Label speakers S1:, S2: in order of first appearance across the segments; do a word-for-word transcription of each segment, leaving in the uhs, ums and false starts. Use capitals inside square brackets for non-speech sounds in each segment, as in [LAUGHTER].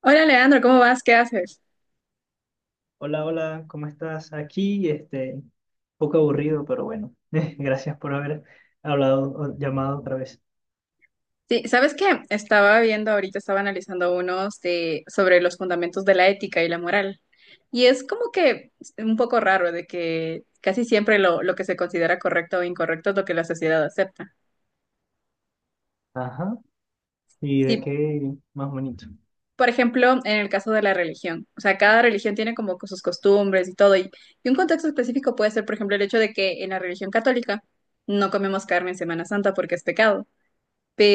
S1: Hola Leandro, ¿cómo vas? ¿Qué haces?
S2: Hola, hola, ¿cómo estás? Aquí, este, un poco aburrido, pero bueno, [LAUGHS] gracias por haber hablado, o llamado otra vez.
S1: Sí, ¿sabes qué? Estaba viendo ahorita, estaba analizando unos de, sobre los fundamentos de la ética y la moral. Y es como que un poco raro de que casi siempre lo, lo que se considera correcto o incorrecto es lo que la sociedad acepta.
S2: Ajá, ¿y de
S1: Sí,
S2: qué más bonito?
S1: por ejemplo, en el caso de la religión, o sea, cada religión tiene como sus costumbres y todo. Y, y un contexto específico puede ser, por ejemplo, el hecho de que en la religión católica no comemos carne en Semana Santa porque es pecado.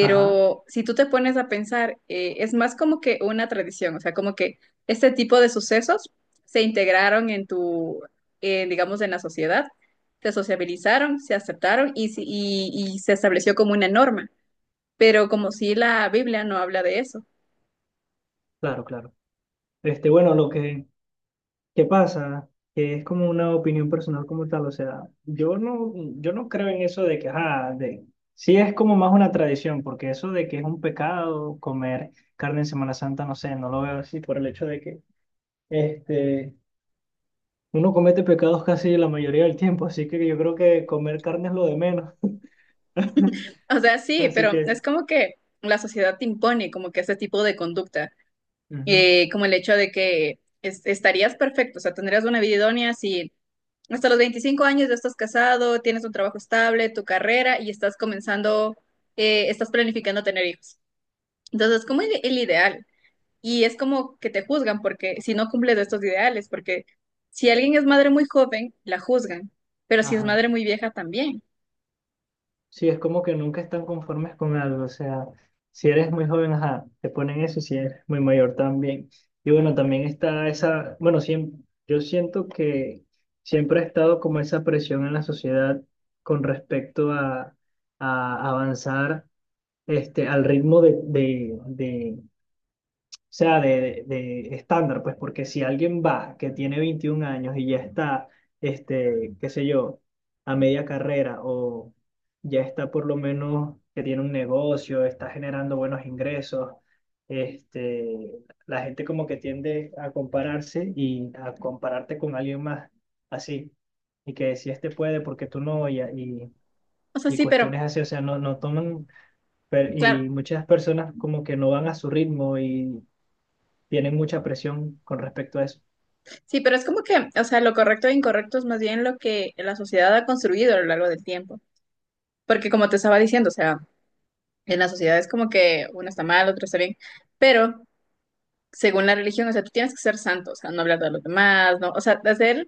S2: Ajá,
S1: si tú te pones a pensar, eh, es más como que una tradición, o sea, como que este tipo de sucesos se integraron en tu, eh, digamos, en la sociedad, se sociabilizaron, se aceptaron y, si- y, y se estableció como una norma. Pero como si la Biblia no habla de eso.
S2: claro, claro. Este, bueno, lo que, que pasa, que es como una opinión personal como tal, o sea, yo no, yo no creo en eso de que, ajá, de, sí es como más una tradición, porque eso de que es un pecado comer carne en Semana Santa, no sé, no lo veo así por el hecho de que, este... Uno comete pecados casi la mayoría del tiempo, así que yo creo que comer carne es lo de menos. [LAUGHS]
S1: O sea, sí,
S2: Así
S1: pero
S2: que,
S1: es como que la sociedad te impone como que ese tipo de conducta,
S2: ujú,
S1: eh, como el hecho de que es- estarías perfecto, o sea, tendrías una vida idónea si hasta los veinticinco años ya estás casado, tienes un trabajo estable, tu carrera y estás comenzando, eh, estás planificando tener hijos. Entonces, es como el, el ideal. Y es como que te juzgan porque si no cumples estos ideales, porque si alguien es madre muy joven, la juzgan, pero si es
S2: ajá.
S1: madre muy vieja también.
S2: Sí, es como que nunca están conformes con algo. O sea, si eres muy joven, ajá, te ponen eso, si eres muy mayor también. Y bueno, también está esa, bueno, siem- yo siento que siempre ha estado como esa presión en la sociedad con respecto a, a avanzar este, al ritmo de, de, o sea, de, de estándar, pues, porque si alguien va que tiene veintiún años y ya está, este, qué sé yo, a media carrera o ya está por lo menos que tiene un negocio, está generando buenos ingresos, este, la gente como que tiende a compararse y a compararte con alguien más así, y que si este puede, ¿porque tú no? Y, y,
S1: O sea,
S2: y
S1: sí, pero
S2: cuestiones así, o sea, no, no toman... Pero-
S1: claro,
S2: y muchas personas como que no van a su ritmo y tienen mucha presión con respecto a eso.
S1: sí, pero es como que, o sea, lo correcto e incorrecto es más bien lo que la sociedad ha construido a lo largo del tiempo. Porque como te estaba diciendo, o sea, en la sociedad es como que uno está mal, otro está bien, pero según la religión, o sea, tú tienes que ser santo, o sea, no hablar de los demás, ¿no? O sea, hacer,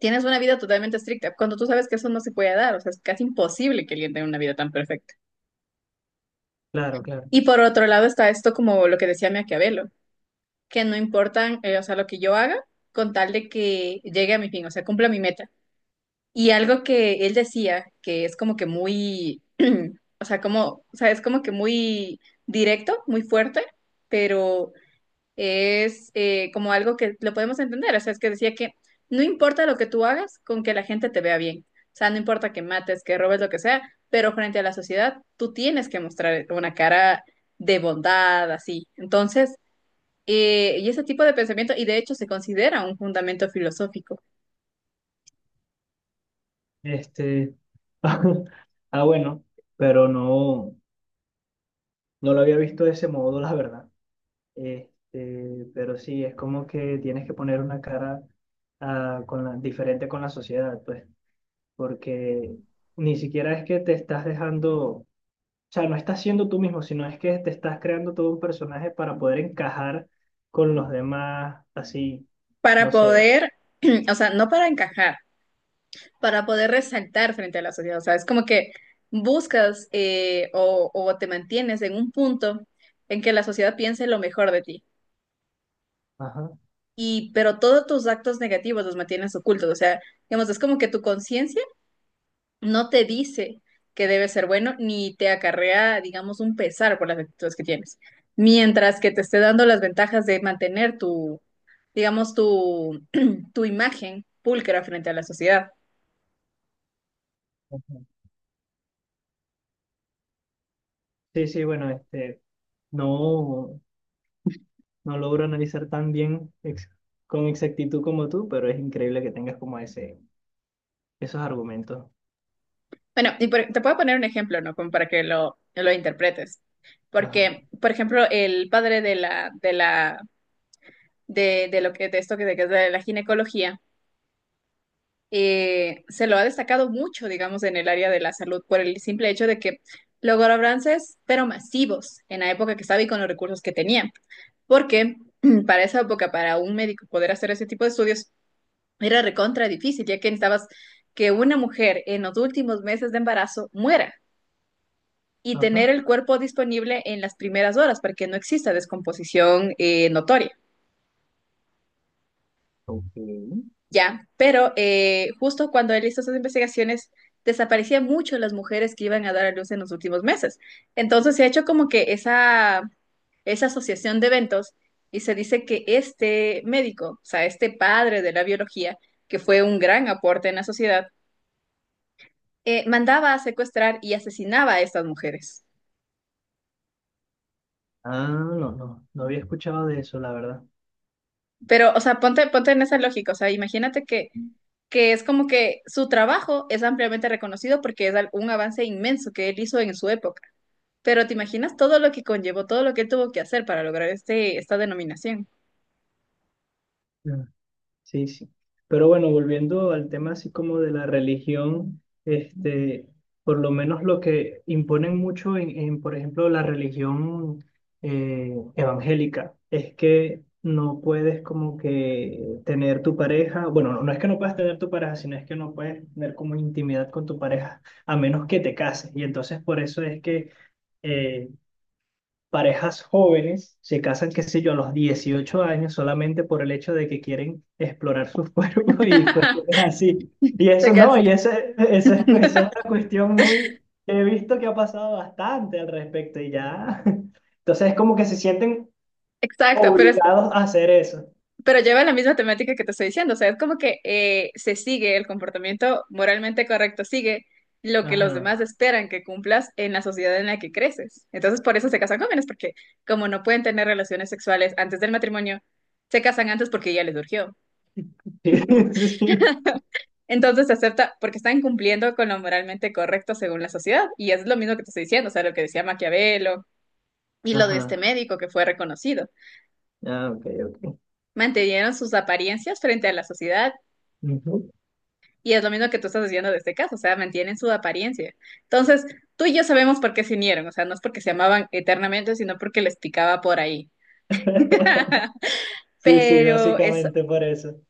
S1: tienes una vida totalmente estricta, cuando tú sabes que eso no se puede dar, o sea, es casi imposible que alguien tenga una vida tan perfecta.
S2: Claro, claro.
S1: Y por otro lado está esto como lo que decía Maquiavelo, que no importan, eh, o sea, lo que yo haga, con tal de que llegue a mi fin, o sea, cumpla mi meta. Y algo que él decía, que es como que muy, [CLEARS THROAT] o sea, como, o sea, es como que muy directo, muy fuerte, pero es eh, como algo que lo podemos entender. O sea, es que decía que no importa lo que tú hagas, con que la gente te vea bien. O sea, no importa que mates, que robes, lo que sea, pero frente a la sociedad tú tienes que mostrar una cara de bondad, así. Entonces, eh, y ese tipo de pensamiento, y de hecho se considera un fundamento filosófico
S2: Este, [LAUGHS] ah, bueno, pero no, no lo había visto de ese modo, la verdad. Este, pero sí, es como que tienes que poner una cara ah, con la, diferente con la sociedad, pues, porque ni siquiera es que te estás dejando, o sea, no estás siendo tú mismo, sino es que te estás creando todo un personaje para poder encajar con los demás, así,
S1: para
S2: no sé.
S1: poder, [CLEARS THROAT] o sea, no para encajar, para poder resaltar frente a la sociedad. O sea, es como que buscas eh, o, o te mantienes en un punto en que la sociedad piense lo mejor de ti.
S2: Ajá.
S1: Y, pero todos tus actos negativos los mantienes ocultos. O sea, digamos, es como que tu conciencia no te dice que debe ser bueno ni te acarrea, digamos, un pesar por las actitudes que tienes. Mientras que te esté dando las ventajas de mantener tu, digamos, tu, [CLEARS THROAT] tu imagen pulcra frente a la sociedad.
S2: Ajá. Sí, sí, bueno, este. No, no logro analizar tan bien ex- con exactitud como tú, pero es increíble que tengas como ese, esos argumentos.
S1: Bueno, y por- te puedo poner un ejemplo, ¿no? Como para que lo, lo interpretes.
S2: Ajá,
S1: Porque, por ejemplo, el padre de la, de la, de, de lo que, de esto que de, que es de la ginecología, eh, se lo ha destacado mucho, digamos, en el área de la salud, por el simple hecho de que logró avances, pero masivos, en la época que estaba y con los recursos que tenía. Porque [CLEARS THROAT] para esa época, para un médico poder hacer ese tipo de estudios, era recontra difícil, ya que necesitabas que una mujer en los últimos meses de embarazo muera y tener
S2: ajá,
S1: el cuerpo disponible en las primeras horas para que no exista descomposición eh, notoria,
S2: ok.
S1: ¿ya? Pero eh, justo cuando él hizo esas investigaciones, desaparecían mucho las mujeres que iban a dar a luz en los últimos meses. Entonces se ha hecho como que esa, esa asociación de eventos y se dice que este médico, o sea, este padre de la biología, que fue un gran aporte en la sociedad, eh, mandaba a secuestrar y asesinaba a estas mujeres.
S2: Ah, no, no, no había escuchado de eso, la verdad.
S1: Pero, o sea, ponte, ponte en esa lógica, o sea, imagínate que, que es como que su trabajo es ampliamente reconocido porque es al- un avance inmenso que él hizo en su época. Pero te imaginas todo lo que conllevó, todo lo que él tuvo que hacer para lograr este, esta denominación.
S2: Sí, sí. Pero bueno, volviendo al tema así como de la religión, este, por lo menos lo que imponen mucho en, en, por ejemplo, la religión eh, evangélica es que no puedes como que tener tu pareja, bueno, no, no es que no puedas tener tu pareja, sino es que no puedes tener como intimidad con tu pareja a menos que te cases. Y entonces por eso es que eh, parejas jóvenes se casan, qué sé yo, a los dieciocho años solamente por el hecho de que quieren explorar [LAUGHS] sus cuerpos y cuestiones
S1: [LAUGHS]
S2: así. Y
S1: Te
S2: eso no,
S1: quedas-
S2: y ese, ese es- esa es una cuestión muy, he visto que ha pasado bastante al respecto y ya. [LAUGHS] Entonces es como que se sienten
S1: Exacto, pero es,
S2: obligados a hacer eso.
S1: Pero lleva la misma temática que te estoy diciendo, o sea, es como que eh, se sigue el comportamiento moralmente correcto, sigue lo que los
S2: Ajá.
S1: demás esperan que cumplas en la sociedad en la que creces. Entonces, por eso se casan jóvenes, porque como no pueden tener relaciones sexuales antes del matrimonio, se casan antes porque ya les surgió.
S2: Sí, [LAUGHS] sí.
S1: Entonces se acepta porque están cumpliendo con lo moralmente correcto según la sociedad. Y es lo mismo que te estoy diciendo, o sea, lo que decía Maquiavelo y lo de este
S2: Ajá.
S1: médico que fue reconocido.
S2: Ah, ok, ok.
S1: Mantenieron sus apariencias frente a la sociedad.
S2: Ujú.
S1: Y es lo mismo que tú estás diciendo de este caso, o sea, mantienen su apariencia. Entonces, tú y yo sabemos por qué se unieron, o sea, no es porque se amaban eternamente, sino porque les picaba por ahí.
S2: [LAUGHS]
S1: [LAUGHS]
S2: Sí, sí,
S1: Pero es,
S2: básicamente por eso.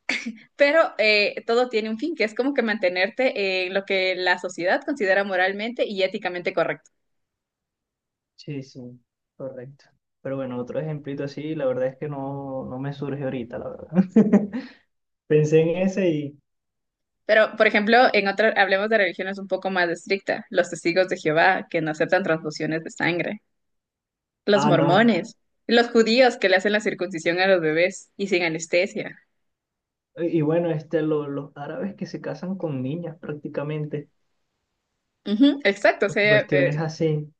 S1: pero eh, todo tiene un fin, que es como que mantenerte en lo que la sociedad considera moralmente y éticamente correcto.
S2: Sí, sí, correcto. Pero bueno, otro ejemplito así, la verdad es que no, no me surge ahorita, la verdad. [LAUGHS] Pensé en ese y,
S1: Pero, por ejemplo, en otra, hablemos de religiones un poco más estrictas, los testigos de Jehová, que no aceptan transfusiones de sangre, los
S2: ah, no.
S1: mormones, los judíos que le hacen la circuncisión a los bebés y sin anestesia.
S2: Y y bueno, este, lo- los árabes que se casan con niñas prácticamente,
S1: Ujú, exacto, o
S2: o
S1: sea, eh,
S2: cuestiones así.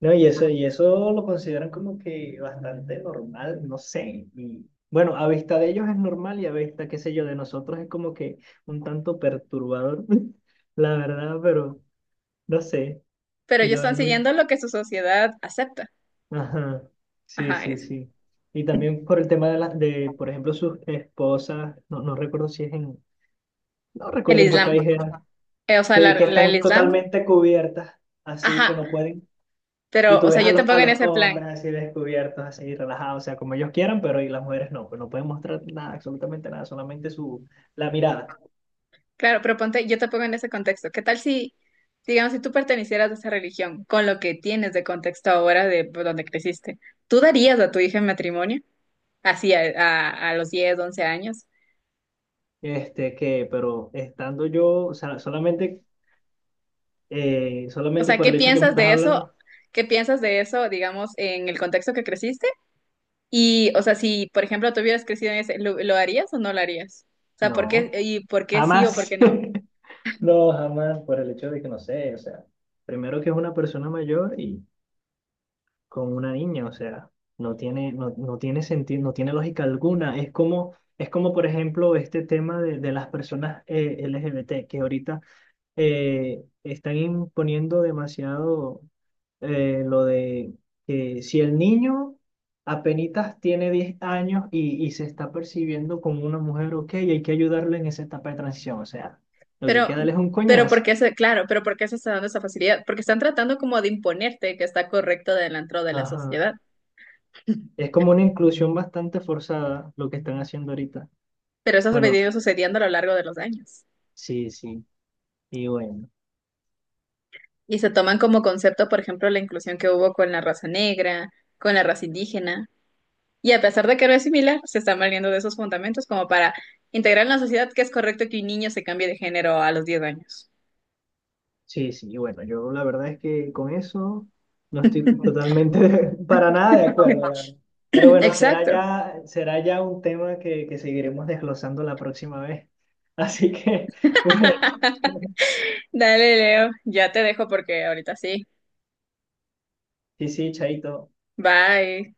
S2: No, y eso, y eso lo consideran como que bastante normal, no sé. Y bueno, a vista de ellos es normal y a vista, qué sé yo, de nosotros es como que un tanto perturbador, [LAUGHS] la verdad, pero no sé.
S1: pero
S2: Y
S1: ellos
S2: lo
S1: están
S2: ven muy...
S1: siguiendo lo que su sociedad acepta.
S2: Ajá, sí,
S1: Ajá,
S2: sí,
S1: es
S2: sí. Y también por el tema de, la, de por ejemplo, sus esposas, no, no recuerdo si es en, no
S1: el
S2: recuerdo en qué
S1: Islam.
S2: país era,
S1: Eh, o sea,
S2: que, que
S1: la- la- el
S2: están
S1: Islam.
S2: totalmente cubiertas, así
S1: Ajá,
S2: que no pueden. Y
S1: pero,
S2: tú
S1: o sea,
S2: ves a
S1: yo te
S2: los, a
S1: pongo en
S2: los
S1: ese plan.
S2: hombres así descubiertos, así relajados, o sea, como ellos quieran, pero y las mujeres no, pues no pueden mostrar nada, absolutamente nada, solamente su, la mirada.
S1: Claro, pero ponte, yo te pongo en ese contexto. ¿Qué tal si, digamos, si tú pertenecieras a esa religión, con lo que tienes de contexto ahora de pues, donde creciste, ¿tú darías a tu hija en matrimonio? Así, a, a- a los diez once años.
S2: Este, que, pero estando yo, o sea, solamente, eh,
S1: O
S2: solamente
S1: sea,
S2: por
S1: ¿qué
S2: el hecho que me
S1: piensas
S2: estás
S1: de eso?
S2: hablando,
S1: ¿Qué piensas de eso, digamos, en el contexto que creciste? Y, o sea, si, por ejemplo, tú hubieras crecido en ese, ¿lo, lo harías o no lo harías? O sea, ¿por qué,
S2: no,
S1: y por qué sí o por
S2: jamás.
S1: qué no?
S2: [LAUGHS] No, jamás, por el hecho de que no sé, o sea, primero que es una persona mayor y con una niña, o sea, no tiene, no, no tiene sentido, no tiene lógica alguna. Es como, es como, por ejemplo, este tema de, de las personas eh, L G B T que ahorita eh, están imponiendo demasiado eh, lo de que si el niño apenitas tiene diez años y, y se está percibiendo como una mujer, ok, hay que ayudarle en esa etapa de transición, o sea, lo que
S1: Pero,
S2: queda es un
S1: pero
S2: coñazo.
S1: porque se, claro, pero ¿por qué se está dando esa facilidad? Porque están tratando como de imponerte que está correcto dentro de la
S2: Ajá.
S1: sociedad. [LAUGHS]
S2: Es como una inclusión bastante forzada lo que están haciendo ahorita.
S1: Pero eso ha
S2: Bueno,
S1: venido sucediendo a lo largo de los años.
S2: sí, sí, y bueno,
S1: Y se toman como concepto, por ejemplo, la inclusión que hubo con la raza negra, con la raza indígena. Y a pesar de que no es similar, se están valiendo de esos fundamentos como para integrar en la sociedad que es correcto que un niño se cambie de género a los diez años.
S2: sí, sí, y bueno, yo la verdad es que con eso no estoy
S1: [LAUGHS]
S2: totalmente [LAUGHS] para nada de acuerdo, la verdad. Pero
S1: [LAUGHS]
S2: bueno, será
S1: Exacto.
S2: ya, será ya un tema que, que seguiremos desglosando la próxima vez. Así que, [LAUGHS] bueno,
S1: Dale, Leo, ya te dejo porque ahorita sí.
S2: sí, sí, chaito.
S1: Bye.